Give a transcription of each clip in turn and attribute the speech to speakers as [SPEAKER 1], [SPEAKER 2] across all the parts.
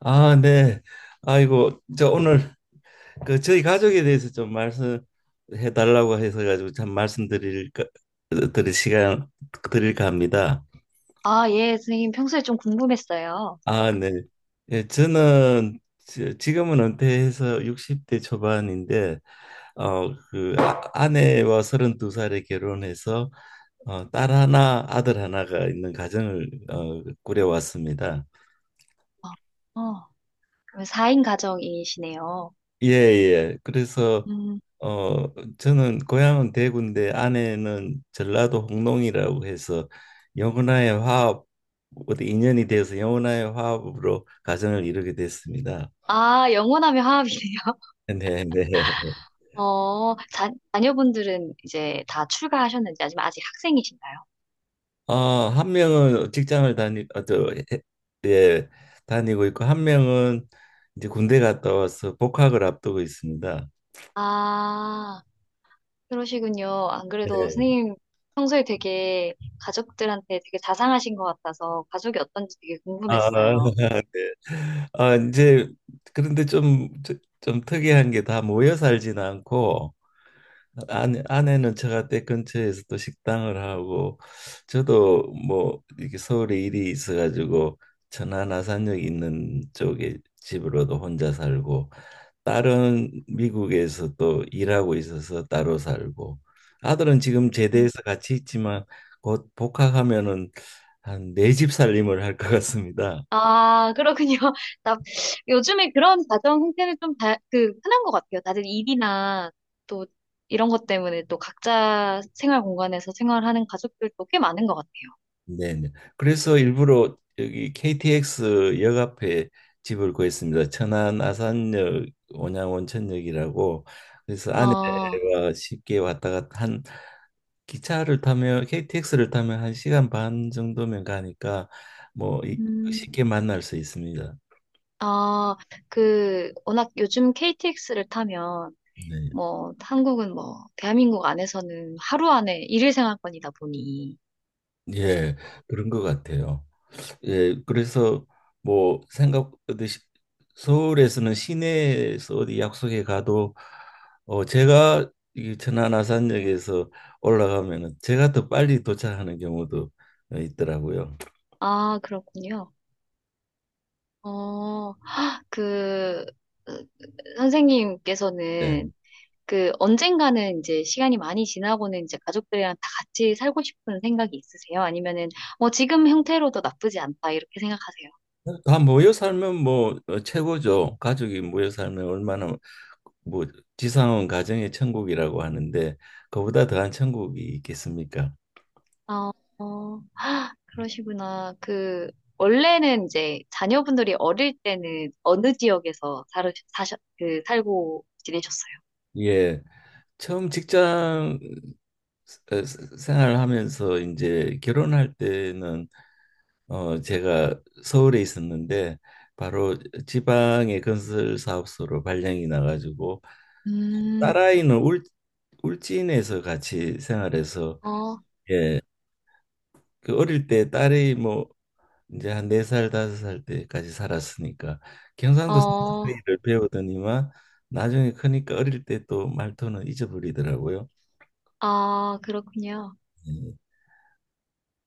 [SPEAKER 1] 아, 네. 아이고, 저 오늘 그 저희 가족에 대해서 좀 말씀해 달라고 해서 가지고 참 말씀드릴 드릴 시간 드릴까 합니다.
[SPEAKER 2] 아, 예, 선생님, 평소에 좀 궁금했어요.
[SPEAKER 1] 아, 네. 예, 저는 지금은 은퇴해서 60대 초반인데 그 아내와 32살에 결혼해서 딸 하나, 아들 하나가 있는 가정을 꾸려왔습니다.
[SPEAKER 2] 어, 어, 그럼 4인 가정이시네요.
[SPEAKER 1] 예, 예. 그래서
[SPEAKER 2] 음.
[SPEAKER 1] 저는 고향은 대구인데 아내는 전라도 홍농이라고 해서 영혼와의 화합 어디 인연이 되어서 영혼와의 화합으로 가정을 이루게 됐습니다.
[SPEAKER 2] 아, 영원하며 화합이네요.
[SPEAKER 1] 네, 네.
[SPEAKER 2] 어, 자녀분들은 이제 다 출가하셨는지, 아니면 아직 학생이신가요?
[SPEAKER 1] 어, 한 명은 직장을 다니 어, 저, 해- 예, 다니고 있고 한 명은 이제 군대 갔다 와서 복학을 앞두고 있습니다.
[SPEAKER 2] 아, 그러시군요. 안 그래도
[SPEAKER 1] 네.
[SPEAKER 2] 선생님 평소에 되게 가족들한테 되게 자상하신 것 같아서 가족이 어떤지 되게
[SPEAKER 1] 아,
[SPEAKER 2] 궁금했어요.
[SPEAKER 1] 네. 아, 이제 그런데 좀 특이한 게 다 모여 살지는 않고 아내는 처가댁 근처에서 또 식당을 하고 저도 뭐 이렇게 서울에 일이 있어가지고 천안 아산역 있는 쪽에 집으로도 혼자 살고 딸은 미국에서 또 일하고 있어서 따로 살고 아들은 지금
[SPEAKER 2] 음.
[SPEAKER 1] 제대해서 같이 있지만 곧 복학하면은 한 네 집 살림을 할 것 같습니다.
[SPEAKER 2] 아, 그렇군요. 나, 요즘에 그런 가정 형태는 좀 흔한 것 같아요. 다들 일이나 또 이런 것 때문에 또 각자 생활 공간에서 생활하는 가족들도 꽤 많은 것 같아요.
[SPEAKER 1] 네네. 그래서 일부러 여기 KTX 역 앞에 집을 구했습니다. 천안 아산역 온양온천역이라고 그래서
[SPEAKER 2] 어,
[SPEAKER 1] 아내가 쉽게 왔다 갔다 한 기차를 타면 KTX를 타면 1시간 반 정도면 가니까 뭐 이-
[SPEAKER 2] 음,
[SPEAKER 1] 쉽게 만날 수 있습니다.
[SPEAKER 2] 어, 워낙 요즘 KTX를 타면,
[SPEAKER 1] 네.
[SPEAKER 2] 뭐, 한국은 뭐, 대한민국 안에서는 하루 안에 일일 생활권이다 보니.
[SPEAKER 1] 예, 그런 것 같아요. 예, 그래서 뭐 생각듯이 서울에서는 시내에서 어디 약속에 가도 제가 이 천안 아산역에서 올라가면은 제가 더 빨리 도착하는 경우도 있더라고요.
[SPEAKER 2] 아, 그렇군요. 어, 그 어,
[SPEAKER 1] 예.
[SPEAKER 2] 선생님께서는 그 언젠가는 이제 시간이 많이 지나고는 이제 가족들이랑 다 같이 살고 싶은 생각이 있으세요? 아니면은 뭐 지금 형태로도 나쁘지 않다 이렇게 생각하세요?
[SPEAKER 1] 다 모여 살면 뭐 최고죠. 가족이 모여 살면 얼마나 뭐 지상은 가정의 천국이라고 하는데 그보다 더한 천국이 있겠습니까?
[SPEAKER 2] 어, 어, 헉, 그러시구나. 그 원래는 이제 자녀분들이 어릴 때는 어느 지역에서 살으, 사셨, 그 살고 지내셨어요?
[SPEAKER 1] 예. 처음 직장 어, 생활을 하면서 이제 결혼할 때는 제가 서울에 있었는데 바로 지방의 건설 사업소로 발령이 나가지고
[SPEAKER 2] 음,
[SPEAKER 1] 딸아이는 울 울진에서 같이 생활해서
[SPEAKER 2] 어,
[SPEAKER 1] 예. 그 어릴 때 딸이 뭐 이제 한 4살 5살 때까지 살았으니까 경상도
[SPEAKER 2] 어,
[SPEAKER 1] 사투리를 배우더니만 나중에 크니까 어릴 때 또 말투는 잊어버리더라고요.
[SPEAKER 2] 아, 그렇군요.
[SPEAKER 1] 예.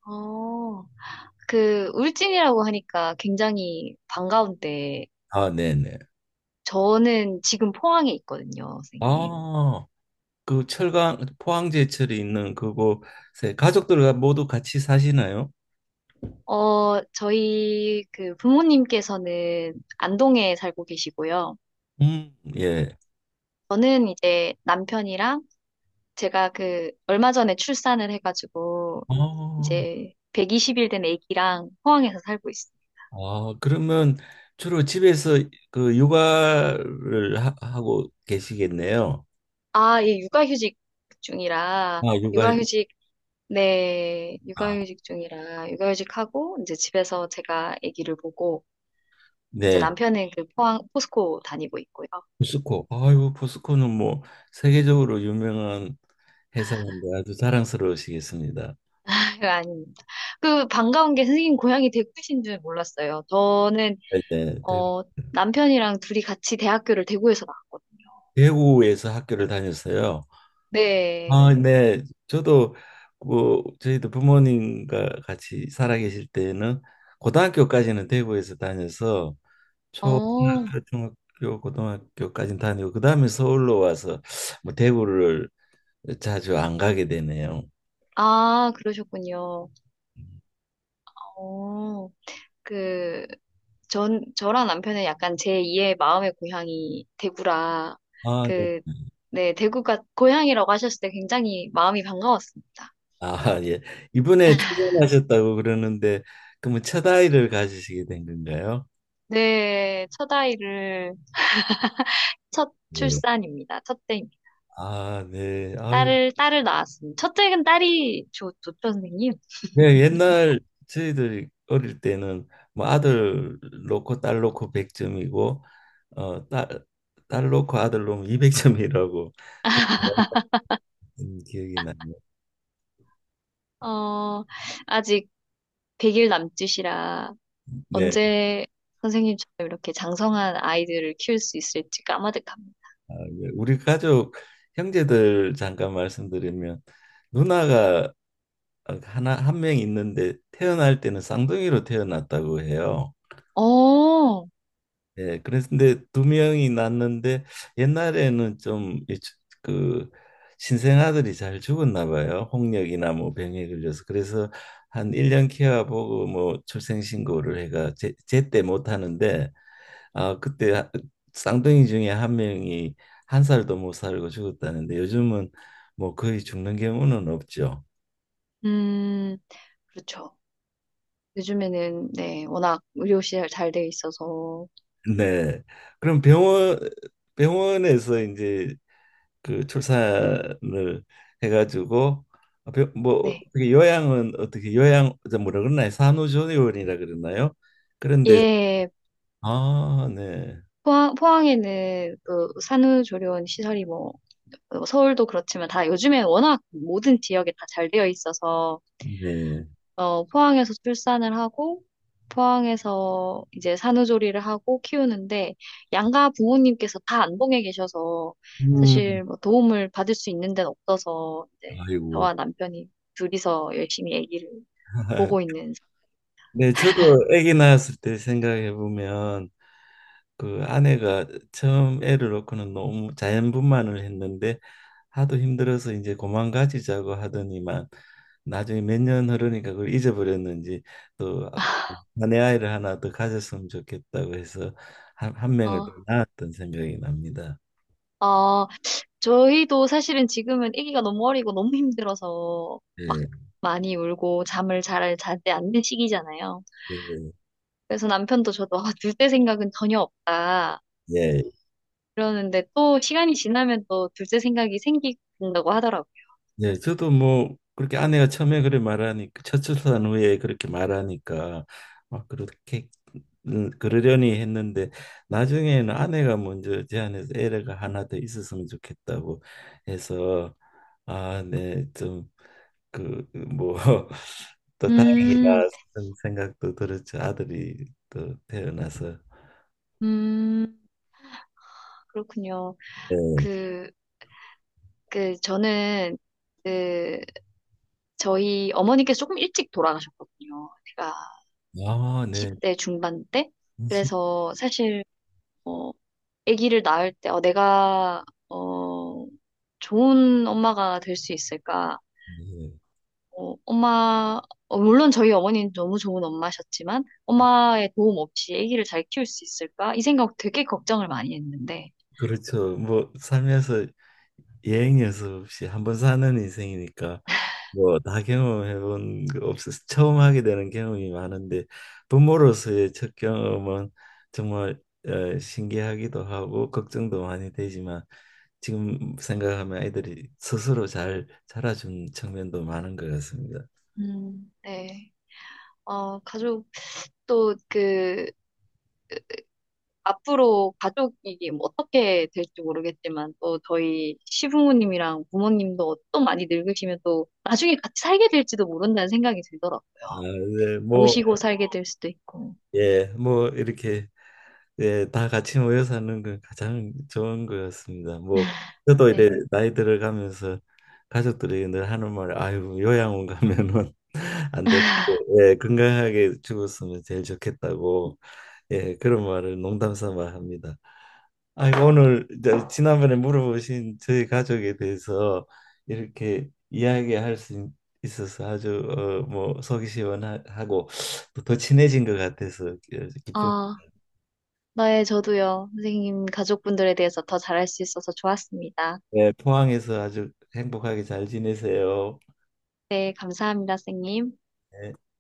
[SPEAKER 2] 어. 그 울진이라고 하니까 굉장히 반가운데
[SPEAKER 1] 아, 네네.
[SPEAKER 2] 저는 지금 포항에 있거든요, 선생님.
[SPEAKER 1] 아, 그 철강 포항제철이 있는 그곳에 가족들과 모두 같이 사시나요?
[SPEAKER 2] 어, 저희 그 부모님께서는 안동에 살고 계시고요.
[SPEAKER 1] 예.
[SPEAKER 2] 저는 이제 남편이랑 제가 그 얼마 전에 출산을 해가지고
[SPEAKER 1] 어,
[SPEAKER 2] 이제 120일 된 아기랑 포항에서 살고 있어요.
[SPEAKER 1] 그러면 주로 집에서 그 육아를 하, 고 계시겠네요.
[SPEAKER 2] 아, 예, 육아휴직 중이라
[SPEAKER 1] 아, 육아.
[SPEAKER 2] 육아휴직 네,
[SPEAKER 1] 아,
[SPEAKER 2] 육아휴직 중이라 육아휴직하고 이제 집에서 제가 아기를 보고 이제
[SPEAKER 1] 네.
[SPEAKER 2] 남편은 그 포항 포스코 다니고 있고요.
[SPEAKER 1] 포스코. 아유, 포스코는 뭐 세계적으로 유명한 회사인데 아주 자랑스러우시겠습니다.
[SPEAKER 2] 그거 아닙니다. 그 반가운 게 선생님 고향이 대구이신 줄 몰랐어요. 저는
[SPEAKER 1] 네, 네.
[SPEAKER 2] 어 남편이랑 둘이 같이 대학교를 대구에서 나왔거든요.
[SPEAKER 1] 대구에서 학교를 다녔어요. 아,
[SPEAKER 2] 네.
[SPEAKER 1] 네. 저도 그 저희도 부모님과 같이 살아 계실 때는 고등학교까지는 대구에서 다녀서
[SPEAKER 2] 어,
[SPEAKER 1] 초등학교, 중학교, 고등학교까지는 다니고 그다음에 서울로 와서 뭐 대구를 자주 안 가게 되네요.
[SPEAKER 2] 아, 그러셨군요. 어, 그, 저랑 남편은 약간 제2의 마음의 고향이 대구라,
[SPEAKER 1] 아, 네.
[SPEAKER 2] 그, 네, 대구가 고향이라고 하셨을 때 굉장히 마음이 반가웠습니다.
[SPEAKER 1] 아, 예. 이번에 출산하셨다고 그러는데 그러면 첫 아이를 가지시게 된 건가요?
[SPEAKER 2] 네, 첫 아이를 첫
[SPEAKER 1] 예.
[SPEAKER 2] 출산입니다. 첫째입니다.
[SPEAKER 1] 아, 네. 아유,
[SPEAKER 2] 딸을 낳았습니다. 첫째는 딸이 좋죠, 선생님.
[SPEAKER 1] 네, 옛날 저희들이 어릴 때는 뭐 아들 놓고 딸 놓고 100점이고 어, 딸, 딸 놓고 아들 놓으면 200점이라고 그런 기억이 나네요.
[SPEAKER 2] 어, 아직 100일 남짓이라
[SPEAKER 1] 네.
[SPEAKER 2] 언제 선생님처럼 이렇게 장성한 아이들을 키울 수 있을지 까마득합니다.
[SPEAKER 1] 아, 예. 우리 가족 형제들 잠깐 말씀드리면 누나가 하나 한 명 있는데 태어날 때는 쌍둥이로 태어났다고 해요.
[SPEAKER 2] 어,
[SPEAKER 1] 예, 그래서 근데 두 명이 낳는데 옛날에는 좀그 신생아들이 잘 죽었나 봐요. 홍역이나 뭐 병에 걸려서. 그래서 한 1년 케어보고 뭐 출생신고를 해가 제때 못 하는데 아 그때 하- 쌍둥이 중에 한 명이 1살도 못 살고 죽었다는데 요즘은 뭐 거의 죽는 경우는 없죠.
[SPEAKER 2] 음, 그렇죠. 요즘에는, 네, 워낙 의료시설 잘 돼 있어서,
[SPEAKER 1] 네. 그럼 병원에서 이제 그 출산을 해가지고 뭐
[SPEAKER 2] 네.
[SPEAKER 1] 어떻게 요양 저 뭐라 그러나요? 산후조리원이라 그러나요? 그런데
[SPEAKER 2] 예,
[SPEAKER 1] 아, 네.
[SPEAKER 2] 포항에는 그 산후조리원 시설이 뭐, 서울도 그렇지만 다 요즘에 워낙 모든 지역에 다 잘 되어 있어서
[SPEAKER 1] 네.
[SPEAKER 2] 어, 포항에서 출산을 하고, 포항에서 이제 산후조리를 하고 키우는데, 양가 부모님께서 다 안봉에 계셔서,
[SPEAKER 1] 음.
[SPEAKER 2] 사실 뭐 도움을 받을 수 있는 데는 없어서, 이제
[SPEAKER 1] 아이고.
[SPEAKER 2] 저와 남편이 둘이서 열심히 아기를 보고 있는.
[SPEAKER 1] 네, 저도 아기 낳았을 때 생각해 보면 그 아내가 처음 애를 낳고는 너무 자연분만을 했는데 하도 힘들어서 이제 고만 가지자고 하더니만 나중에 몇 년 흐르니까 그걸 잊어버렸는지 또 아내 아이를 하나 더 가졌으면 좋겠다고 해서 한 명을 더
[SPEAKER 2] 어,
[SPEAKER 1] 낳았던 생각이 납니다.
[SPEAKER 2] 어, 저희도 사실은 지금은 아기가 너무 어리고 너무 힘들어서, 막
[SPEAKER 1] 예.
[SPEAKER 2] 많이 울고 잠을 잘 자지 않는 시기잖아요.
[SPEAKER 1] 예,
[SPEAKER 2] 그래서 남편도 저도 둘 때 생각은 전혀 없다.
[SPEAKER 1] 예,
[SPEAKER 2] 그러는데 또 시간이 지나면 또 둘째 생각이 생긴다고 하더라고요.
[SPEAKER 1] 예. 저도 뭐 그렇게 아내가 처음에 그래 말하니까 첫 출산 후에 그렇게 말하니까 막 그렇게 그러려니 했는데 나중에는 아내가 먼저 제안해서 애가 하나 더 있었으면 좋겠다고 해서 아, 네, 좀 그 뭐 또 다행이다
[SPEAKER 2] 음,
[SPEAKER 1] 그런 생각도 들었죠. 아들이 또 태어나서
[SPEAKER 2] 음, 그렇군요.
[SPEAKER 1] 네.
[SPEAKER 2] 그, 저는, 그, 저희 어머니께서 조금 일찍 돌아가셨거든요. 제가
[SPEAKER 1] 아, 네.
[SPEAKER 2] 20대 중반 때.
[SPEAKER 1] 진짜,
[SPEAKER 2] 그래서 사실, 어, 아기를 낳을 때, 내가, 좋은 엄마가 될 수 있을까?
[SPEAKER 1] 네.
[SPEAKER 2] 어, 엄마, 물론 저희 어머니는 너무 좋은 엄마셨지만, 엄마의 도움 없이 아기를 잘 키울 수 있을까? 이 생각 되게 걱정을 많이 했는데,
[SPEAKER 1] 그렇죠. 뭐 살면서 예행 연습 없이 한번 사는 인생이니까 뭐 다 경험해본 거 없어서 처음 하게 되는 경험이 많은데 부모로서의 첫 경험은 정말 신기하기도 하고 걱정도 많이 되지만 지금 생각하면 아이들이 스스로 잘 자라준 측면도 많은 것 같습니다.
[SPEAKER 2] 네. 어, 가족, 또 그, 앞으로 가족이 뭐 어떻게 될지 모르겠지만, 또 저희 시부모님이랑 부모님도 또 많이 늙으시면 또 나중에 같이 살게 될지도 모른다는 생각이 들더라고요.
[SPEAKER 1] 아, 네, 뭐,
[SPEAKER 2] 모시고 살게 될 수도 있고,
[SPEAKER 1] 예, 뭐 이렇게 예, 다 같이 모여사는 건 가장 좋은 것 같습니다. 뭐 저도 이래
[SPEAKER 2] 네.
[SPEAKER 1] 나이 들어가면서 가족들이 늘 하는 말, 아유 요양원 가면은 안 되는데 예, 건강하게 죽었으면 제일 좋겠다고 예, 그런 말을 농담 삼아 합니다. 아이고 오늘 이제 지난번에 물어보신 저희 가족에 대해서 이렇게 이야기할 수 있어서 아주 뭐 속이 시원하고 또 더 친해진 것 같아서 기쁩니다.
[SPEAKER 2] 아, 네, 저도요. 선생님 가족분들에 대해서 더 잘할 수 있어서 좋았습니다.
[SPEAKER 1] 네, 포항에서 아주 행복하게 잘 지내세요.
[SPEAKER 2] 네, 감사합니다, 선생님.
[SPEAKER 1] 네.